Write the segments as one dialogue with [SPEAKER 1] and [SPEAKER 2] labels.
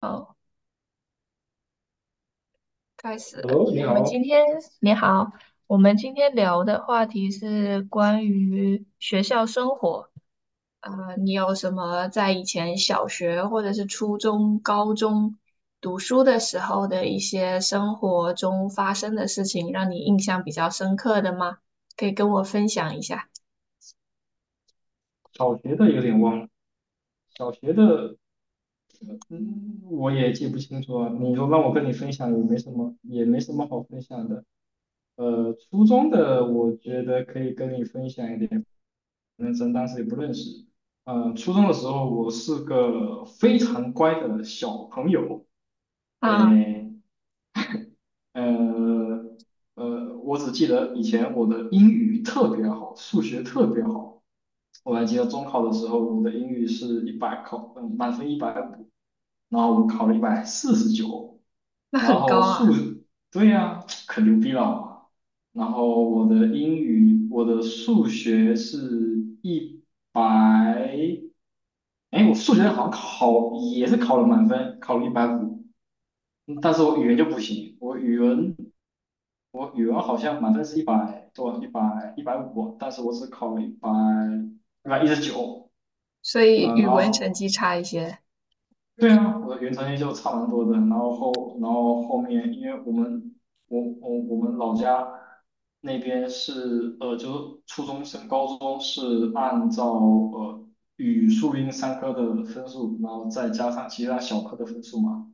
[SPEAKER 1] 好，开始了
[SPEAKER 2] Hello，你
[SPEAKER 1] 我们
[SPEAKER 2] 好。
[SPEAKER 1] 今天，你好，我们今天聊的话题是关于学校生活。你有什么在以前小学或者是初中、高中读书的时候的一些生活中发生的事情，让你印象比较深刻的吗？可以跟我分享一下。
[SPEAKER 2] 小学的有点忘了，小学的，嗯，我也记不清楚啊。你说让我跟你分享也没什么，也没什么好分享的。初中的我觉得可以跟你分享一点，反正当时也不认识。初中的时候我是个非常乖的小朋友，
[SPEAKER 1] 啊，
[SPEAKER 2] 诶，呃我只记得以前我的英语特别好，数学特别好。我还记得中考的时候，我的英语是一百考，满分一百五，然后我考了149，
[SPEAKER 1] 那
[SPEAKER 2] 然
[SPEAKER 1] 很高
[SPEAKER 2] 后数，
[SPEAKER 1] 啊，
[SPEAKER 2] 对呀，可牛逼了。然后我的数学是一百，哎，我数学好像也是考了满分，考了一百五，但是我语文就不行，我语文好像满分是100多，一百五，150但是我只考了一百一十九。
[SPEAKER 1] 所以
[SPEAKER 2] 嗯，
[SPEAKER 1] 语
[SPEAKER 2] 然
[SPEAKER 1] 文成
[SPEAKER 2] 后
[SPEAKER 1] 绩差一些。
[SPEAKER 2] 对啊，我的原成绩就差蛮多的。然后后面，因为我们老家那边是就是初中升高中是按照语数英三科的分数，然后再加上其他小科的分数嘛。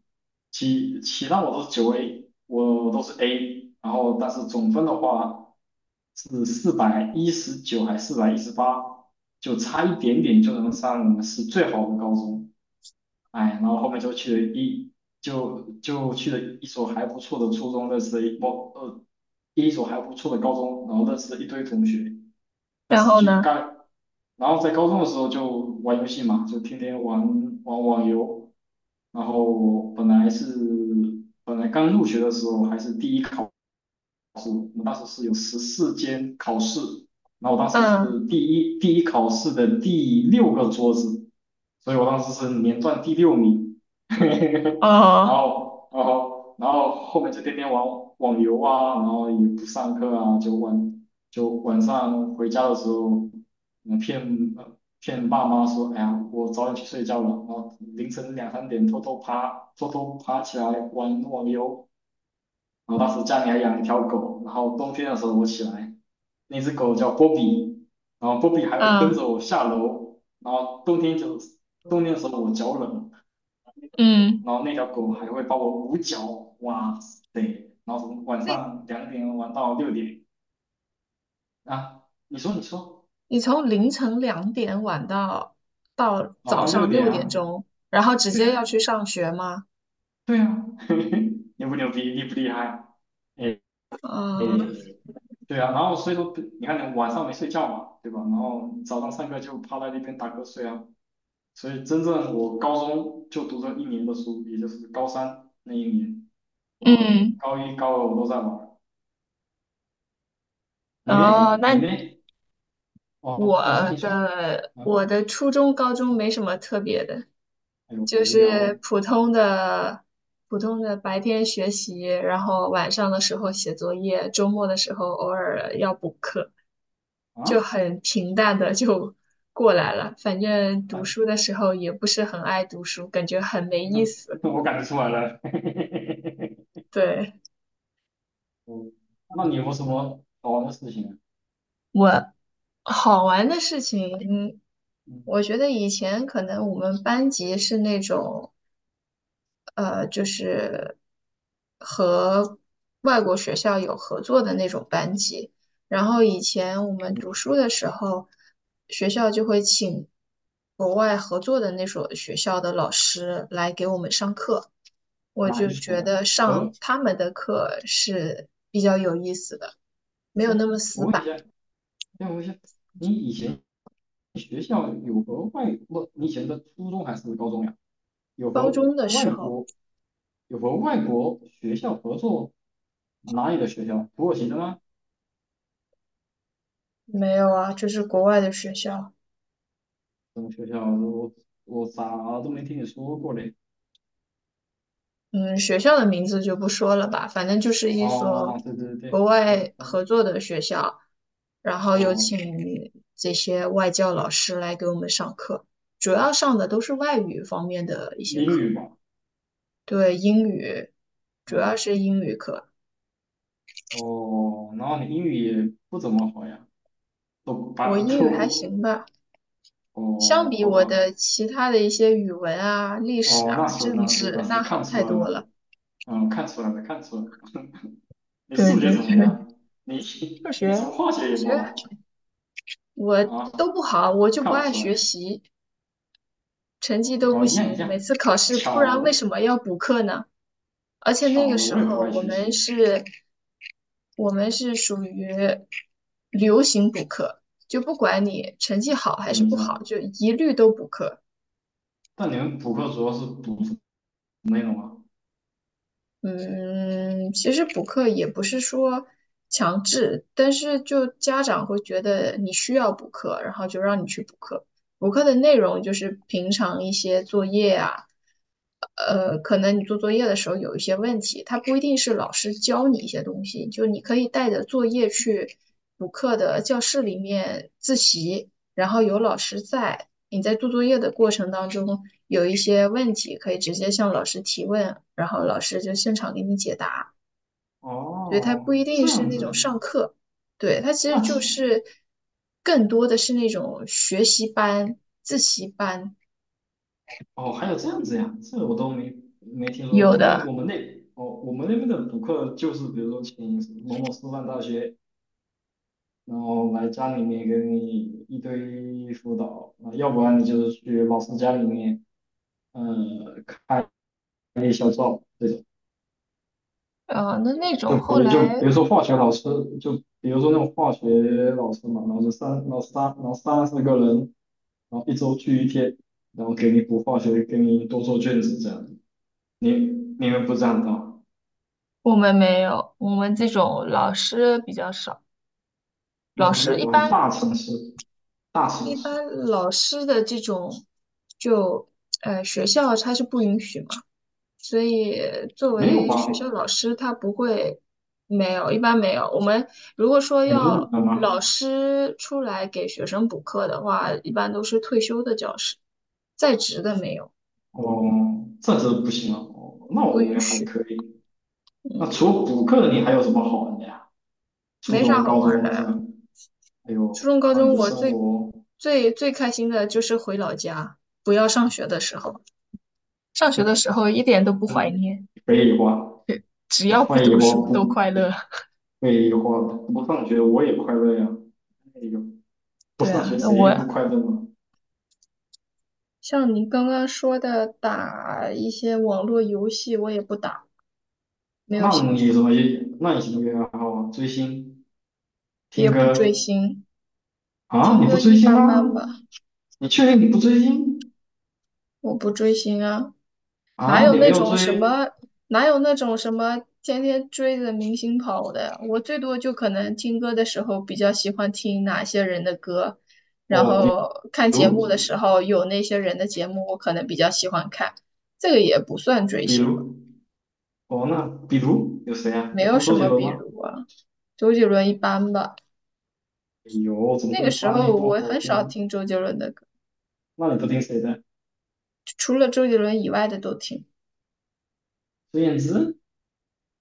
[SPEAKER 2] 其他我都是9A，我都是 A，然后但是总分的话是419还418，就差一点点就能上我们市最好的高中。哎，然后后面就去了一所还不错的初中，认识了一所还不错的高中，然后认识了一堆同学。但
[SPEAKER 1] 然
[SPEAKER 2] 是
[SPEAKER 1] 后
[SPEAKER 2] 去
[SPEAKER 1] 呢？
[SPEAKER 2] 干，然后在高中的时候就玩游戏嘛，就天天玩网游。然后本来刚入学的时候还是第一考。我们当时是有14间考试，然后我当时
[SPEAKER 1] 嗯，
[SPEAKER 2] 是第一考试的第六个桌子，所以我当时是连段第六名，然
[SPEAKER 1] 哦，
[SPEAKER 2] 后然后然后后面就天天玩网游啊，然后也不上课啊，就晚上回家的时候，嗯骗呃骗爸妈说，哎呀，我早点去睡觉了，然后凌晨两三点偷偷爬起来玩网游。然后当时家里还养了一条狗，然后冬天的时候我起来，那只狗叫波比，然后波比还会跟
[SPEAKER 1] 嗯
[SPEAKER 2] 着我下楼，然后冬天的时候我脚冷，
[SPEAKER 1] 嗯。
[SPEAKER 2] 然后那条狗还会帮我捂脚，哇塞，然后从晚
[SPEAKER 1] 那。
[SPEAKER 2] 上2点玩到六点啊，你说你说，
[SPEAKER 1] 你从凌晨两点晚到
[SPEAKER 2] 晚
[SPEAKER 1] 早
[SPEAKER 2] 上六
[SPEAKER 1] 上
[SPEAKER 2] 点
[SPEAKER 1] 六点
[SPEAKER 2] 啊，
[SPEAKER 1] 钟，然后直
[SPEAKER 2] 对
[SPEAKER 1] 接
[SPEAKER 2] 啊，
[SPEAKER 1] 要去上学吗？
[SPEAKER 2] 对啊，牛不牛逼，厉不厉害？哎，哎，
[SPEAKER 1] 嗯
[SPEAKER 2] 对啊，然后所以说你看你晚上没睡觉嘛，对吧？然后早上上课就趴在那边打瞌睡啊。所以真正我高中就读这一年的书，也就是高三那一年，然后
[SPEAKER 1] 嗯，
[SPEAKER 2] 高一、高二我都在玩。你呢？
[SPEAKER 1] 哦，
[SPEAKER 2] 你呢？
[SPEAKER 1] 那
[SPEAKER 2] 哦，
[SPEAKER 1] 我
[SPEAKER 2] 你说你说啊，
[SPEAKER 1] 我的初中、高中没什么特别的，
[SPEAKER 2] 哎呦，好
[SPEAKER 1] 就
[SPEAKER 2] 无聊
[SPEAKER 1] 是
[SPEAKER 2] 哦
[SPEAKER 1] 普通的白天学习，然后晚上的时候写作业，周末的时候偶尔要补课，就
[SPEAKER 2] 啊！
[SPEAKER 1] 很平淡的就过来了。反正 读
[SPEAKER 2] 哎，
[SPEAKER 1] 书的时候也不是很爱读书，感觉很没意
[SPEAKER 2] 哼，
[SPEAKER 1] 思。
[SPEAKER 2] 我感觉出来了。
[SPEAKER 1] 对，
[SPEAKER 2] 哦，那你有没有什么好玩的事情啊？
[SPEAKER 1] 我好玩的事情，
[SPEAKER 2] 嗯
[SPEAKER 1] 我觉得以前可能我们班级是那种，呃，就是和外国学校有合作的那种班级。然后以前我们
[SPEAKER 2] 嗯，
[SPEAKER 1] 读书的时候，学校就会请国外合作的那所学校的老师来给我们上课，我
[SPEAKER 2] 哪一
[SPEAKER 1] 就
[SPEAKER 2] 所
[SPEAKER 1] 觉
[SPEAKER 2] 呀？
[SPEAKER 1] 得上
[SPEAKER 2] 和，
[SPEAKER 1] 他们的课是比较有意思的，没有
[SPEAKER 2] 哎，
[SPEAKER 1] 那么
[SPEAKER 2] 我
[SPEAKER 1] 死
[SPEAKER 2] 问一
[SPEAKER 1] 板。
[SPEAKER 2] 下，哎，我问一下，你以前学校有和外，不，你以前的初中还是高中呀？有
[SPEAKER 1] 高
[SPEAKER 2] 和
[SPEAKER 1] 中的时
[SPEAKER 2] 外
[SPEAKER 1] 候。
[SPEAKER 2] 国？有和外国学校合作，哪里的学校？土耳其的吗？
[SPEAKER 1] 没有啊，就是国外的学校，
[SPEAKER 2] 什么学校？我咋都没听你说过嘞？
[SPEAKER 1] 嗯，学校的名字就不说了吧，反正就是一所
[SPEAKER 2] 哦，对对对
[SPEAKER 1] 国
[SPEAKER 2] 对，
[SPEAKER 1] 外
[SPEAKER 2] 嗯，
[SPEAKER 1] 合作的学校，然后有
[SPEAKER 2] 哦，
[SPEAKER 1] 请这些外教老师来给我们上课，主要上的都是外语方面的一些
[SPEAKER 2] 英
[SPEAKER 1] 课，
[SPEAKER 2] 语吧，
[SPEAKER 1] 对，英语，主要
[SPEAKER 2] 嗯，
[SPEAKER 1] 是英语课，
[SPEAKER 2] 哦，然后你英语也不怎么好呀，都
[SPEAKER 1] 我
[SPEAKER 2] 把
[SPEAKER 1] 英语还
[SPEAKER 2] 都，
[SPEAKER 1] 行吧，相
[SPEAKER 2] 哦，
[SPEAKER 1] 比
[SPEAKER 2] 好
[SPEAKER 1] 我
[SPEAKER 2] 吧，
[SPEAKER 1] 的其他的一些语文啊、历史
[SPEAKER 2] 哦，那
[SPEAKER 1] 啊、
[SPEAKER 2] 是
[SPEAKER 1] 政
[SPEAKER 2] 那是
[SPEAKER 1] 治，
[SPEAKER 2] 那是
[SPEAKER 1] 那
[SPEAKER 2] 看
[SPEAKER 1] 好太
[SPEAKER 2] 出来
[SPEAKER 1] 多
[SPEAKER 2] 了，
[SPEAKER 1] 了。
[SPEAKER 2] 嗯，看出来了，看出来了。你
[SPEAKER 1] 对
[SPEAKER 2] 数学
[SPEAKER 1] 对对，
[SPEAKER 2] 怎么样？你
[SPEAKER 1] 数
[SPEAKER 2] 你怎么
[SPEAKER 1] 学。
[SPEAKER 2] 化学
[SPEAKER 1] 数
[SPEAKER 2] 也不
[SPEAKER 1] 学。
[SPEAKER 2] 好
[SPEAKER 1] 我
[SPEAKER 2] 啊？
[SPEAKER 1] 都不好，我
[SPEAKER 2] 我
[SPEAKER 1] 就不
[SPEAKER 2] 看不
[SPEAKER 1] 爱
[SPEAKER 2] 出
[SPEAKER 1] 学
[SPEAKER 2] 来，
[SPEAKER 1] 习，成绩都不
[SPEAKER 2] 哦，一样一
[SPEAKER 1] 行，每
[SPEAKER 2] 样，
[SPEAKER 1] 次考试，不
[SPEAKER 2] 巧
[SPEAKER 1] 然为什
[SPEAKER 2] 了。
[SPEAKER 1] 么要补课呢？而且那
[SPEAKER 2] 巧
[SPEAKER 1] 个
[SPEAKER 2] 了，
[SPEAKER 1] 时
[SPEAKER 2] 我也不
[SPEAKER 1] 候
[SPEAKER 2] 爱
[SPEAKER 1] 我
[SPEAKER 2] 学
[SPEAKER 1] 们
[SPEAKER 2] 习，
[SPEAKER 1] 是，我们是属于流行补课，就不管你成绩好还
[SPEAKER 2] 什
[SPEAKER 1] 是
[SPEAKER 2] 么意
[SPEAKER 1] 不
[SPEAKER 2] 思啊？
[SPEAKER 1] 好，就一律都补课。
[SPEAKER 2] 但你们补课主要是补什么内容啊？
[SPEAKER 1] 嗯，其实补课也不是说强制，但是就家长会觉得你需要补课，然后就让你去补课。补课的内容就是平常一些作业啊，可能你做作业的时候有一些问题，它不一定是老师教你一些东西，就你可以带着作业去补课的教室里面自习，然后有老师在，你在做作业的过程当中有一些问题，可以直接向老师提问，然后老师就现场给你解答。所以它不一
[SPEAKER 2] 哦，
[SPEAKER 1] 定
[SPEAKER 2] 这
[SPEAKER 1] 是
[SPEAKER 2] 样
[SPEAKER 1] 那种
[SPEAKER 2] 子，
[SPEAKER 1] 上课，对，它其实
[SPEAKER 2] 那
[SPEAKER 1] 就
[SPEAKER 2] 其
[SPEAKER 1] 是更多的是那种学习班、自习班
[SPEAKER 2] 哦还有这样子呀，这我都没听说
[SPEAKER 1] 有
[SPEAKER 2] 过，因为
[SPEAKER 1] 的，
[SPEAKER 2] 我们那边的补课就是比如说请某某师范大学，然后来家里面给你一堆辅导，啊，要不然你就是去老师家里面开小灶这种。
[SPEAKER 1] 呃，那那
[SPEAKER 2] 就
[SPEAKER 1] 种后
[SPEAKER 2] 比就
[SPEAKER 1] 来
[SPEAKER 2] 比如说化学老师，就比如说那种化学老师嘛，然后就三，然后三，然后三四个人，然后一周聚一天，然后给你补化学，给你多做卷子这样。你你们不这样的，
[SPEAKER 1] 我们没有，我们这种老师比较少，
[SPEAKER 2] 啊
[SPEAKER 1] 老
[SPEAKER 2] 哇，那
[SPEAKER 1] 师一
[SPEAKER 2] 果然
[SPEAKER 1] 般，
[SPEAKER 2] 大城市，大城
[SPEAKER 1] 一
[SPEAKER 2] 市
[SPEAKER 1] 般老师的这种，就学校它是不允许嘛，所以作
[SPEAKER 2] 没有
[SPEAKER 1] 为
[SPEAKER 2] 吧？
[SPEAKER 1] 学校老师，他不会没有，一般没有。我们如果说
[SPEAKER 2] 你们那边
[SPEAKER 1] 要
[SPEAKER 2] 有
[SPEAKER 1] 老
[SPEAKER 2] 吗？
[SPEAKER 1] 师出来给学生补课的话，一般都是退休的教师，在职的没有，
[SPEAKER 2] 哦，这真不行啊。哦，那我
[SPEAKER 1] 不允
[SPEAKER 2] 们还
[SPEAKER 1] 许。
[SPEAKER 2] 可以。那
[SPEAKER 1] 嗯，
[SPEAKER 2] 除了补课，你还有什么好玩的呀？初
[SPEAKER 1] 没啥
[SPEAKER 2] 中、
[SPEAKER 1] 好
[SPEAKER 2] 高
[SPEAKER 1] 玩儿
[SPEAKER 2] 中
[SPEAKER 1] 的
[SPEAKER 2] 这
[SPEAKER 1] 呀。
[SPEAKER 2] 样，还
[SPEAKER 1] 初
[SPEAKER 2] 有
[SPEAKER 1] 中、高
[SPEAKER 2] 那你
[SPEAKER 1] 中
[SPEAKER 2] 的
[SPEAKER 1] 我
[SPEAKER 2] 生
[SPEAKER 1] 最
[SPEAKER 2] 活，
[SPEAKER 1] 最最开心的就是回老家，不要上学的时候。上学的时候一点都不怀
[SPEAKER 2] 嗯，
[SPEAKER 1] 念，
[SPEAKER 2] 北野花。
[SPEAKER 1] 只要不
[SPEAKER 2] 废
[SPEAKER 1] 读
[SPEAKER 2] 话，
[SPEAKER 1] 书都
[SPEAKER 2] 不
[SPEAKER 1] 快乐。
[SPEAKER 2] 不， 废话，不上学我也快乐呀。哎呦，不
[SPEAKER 1] 对
[SPEAKER 2] 上
[SPEAKER 1] 啊，
[SPEAKER 2] 学
[SPEAKER 1] 那我
[SPEAKER 2] 谁不快乐嘛？
[SPEAKER 1] 像你刚刚说的打一些网络游戏，我也不打，没有兴趣，
[SPEAKER 2] 那你什么也爱好啊？追星、
[SPEAKER 1] 也
[SPEAKER 2] 听
[SPEAKER 1] 不追
[SPEAKER 2] 歌
[SPEAKER 1] 星，
[SPEAKER 2] 啊？
[SPEAKER 1] 听
[SPEAKER 2] 你不
[SPEAKER 1] 歌
[SPEAKER 2] 追
[SPEAKER 1] 一
[SPEAKER 2] 星
[SPEAKER 1] 般
[SPEAKER 2] 吗？
[SPEAKER 1] 般吧，
[SPEAKER 2] 你确定你不追星
[SPEAKER 1] 我不追星啊，哪
[SPEAKER 2] 啊？
[SPEAKER 1] 有
[SPEAKER 2] 你没
[SPEAKER 1] 那
[SPEAKER 2] 有
[SPEAKER 1] 种什
[SPEAKER 2] 追
[SPEAKER 1] 么，哪有那种什么天天追着明星跑的，我最多就可能听歌的时候比较喜欢听哪些人的歌，然
[SPEAKER 2] 哦？
[SPEAKER 1] 后看节目的时
[SPEAKER 2] 如，
[SPEAKER 1] 候有那些人的节目，我可能比较喜欢看，这个也不算追
[SPEAKER 2] 比
[SPEAKER 1] 星吧，
[SPEAKER 2] 如比如有谁啊？
[SPEAKER 1] 没
[SPEAKER 2] 有
[SPEAKER 1] 有
[SPEAKER 2] 听
[SPEAKER 1] 什
[SPEAKER 2] 周杰
[SPEAKER 1] 么
[SPEAKER 2] 伦
[SPEAKER 1] 比
[SPEAKER 2] 吗？
[SPEAKER 1] 如啊，周杰伦一般吧。
[SPEAKER 2] 哎呦，怎么
[SPEAKER 1] 那个
[SPEAKER 2] 会
[SPEAKER 1] 时
[SPEAKER 2] 把你
[SPEAKER 1] 候
[SPEAKER 2] 多
[SPEAKER 1] 我
[SPEAKER 2] 好
[SPEAKER 1] 很少
[SPEAKER 2] 听？
[SPEAKER 1] 听周杰伦的歌，
[SPEAKER 2] 那你都听谁的？
[SPEAKER 1] 除了周杰伦以外的都听。
[SPEAKER 2] 孙燕姿？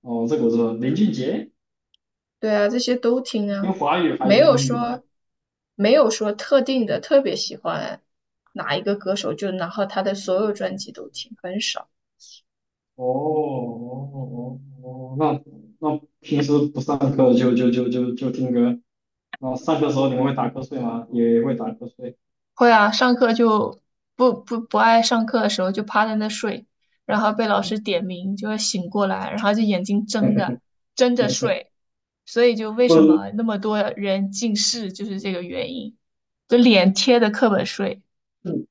[SPEAKER 2] 哦，这个我知道。林俊杰，
[SPEAKER 1] 对啊，这些都听啊，
[SPEAKER 2] 听华语还是
[SPEAKER 1] 没
[SPEAKER 2] 听
[SPEAKER 1] 有
[SPEAKER 2] 英语的？
[SPEAKER 1] 说没有说特定的特别喜欢哪一个歌手，就然后他的所有专辑都听，很少。
[SPEAKER 2] 哦哦哦哦，那平时不上课就听歌，那上课的时候你们会打瞌睡吗？也会打瞌睡。
[SPEAKER 1] 会啊，上课就不爱上课的时候就趴在那睡，然后被老师点名就会醒过来，然后就眼睛睁着睡，所以就为什
[SPEAKER 2] 这，
[SPEAKER 1] 么那么多人近视就是这个原因，就脸贴着课本睡。
[SPEAKER 2] 嗯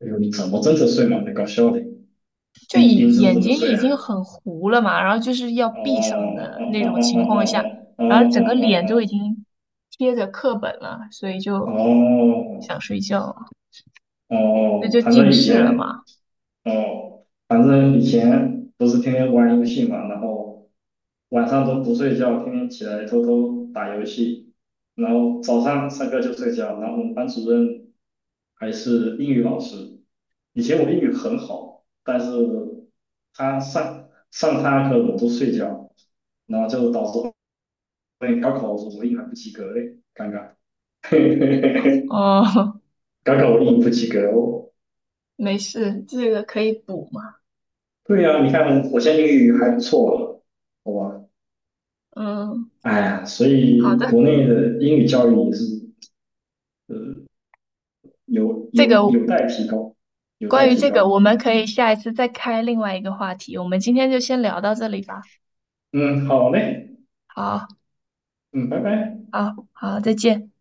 [SPEAKER 2] 哎呦你怎么真的睡吗？太搞笑的，
[SPEAKER 1] 就
[SPEAKER 2] 你
[SPEAKER 1] 眼
[SPEAKER 2] 你真的
[SPEAKER 1] 眼
[SPEAKER 2] 怎么
[SPEAKER 1] 睛
[SPEAKER 2] 睡
[SPEAKER 1] 已
[SPEAKER 2] 啊？
[SPEAKER 1] 经很糊了嘛，然后就是要
[SPEAKER 2] 哦哦
[SPEAKER 1] 闭上
[SPEAKER 2] 哦
[SPEAKER 1] 的那种情况下，
[SPEAKER 2] 哦哦哦
[SPEAKER 1] 然后整个
[SPEAKER 2] 哦
[SPEAKER 1] 脸都已经贴着课本了，所以
[SPEAKER 2] 哦
[SPEAKER 1] 就
[SPEAKER 2] 哦哦
[SPEAKER 1] 想睡觉了，
[SPEAKER 2] 哦
[SPEAKER 1] 这
[SPEAKER 2] 哦，
[SPEAKER 1] 就近视了嘛。
[SPEAKER 2] 反正以前不是天天玩游戏嘛，然后晚上都不睡觉，天天起来偷偷打游戏，然后早上上课就睡觉，然后我们班主任还是英语老师，以前我英语很好，但是他上他课我都睡觉，然后就导致后面高考的时我英语还不及格嘞，尴尬。
[SPEAKER 1] 哦，
[SPEAKER 2] 高考我英语不及格哦。
[SPEAKER 1] 没事，这个可以补嘛。
[SPEAKER 2] 对呀，你看我现在英语还不错了，好吧？
[SPEAKER 1] 嗯，
[SPEAKER 2] 哎呀，所
[SPEAKER 1] 好
[SPEAKER 2] 以
[SPEAKER 1] 的，
[SPEAKER 2] 国内的英语教育也是呃
[SPEAKER 1] 这个
[SPEAKER 2] 有待提高，有待
[SPEAKER 1] 关于
[SPEAKER 2] 提
[SPEAKER 1] 这个，我
[SPEAKER 2] 高。
[SPEAKER 1] 们可
[SPEAKER 2] 嗯
[SPEAKER 1] 以下一次再开另外一个话题。我们今天就先聊到这里吧。
[SPEAKER 2] 嗯，好嘞，
[SPEAKER 1] 好，
[SPEAKER 2] 嗯，拜拜。
[SPEAKER 1] 好，好，再见。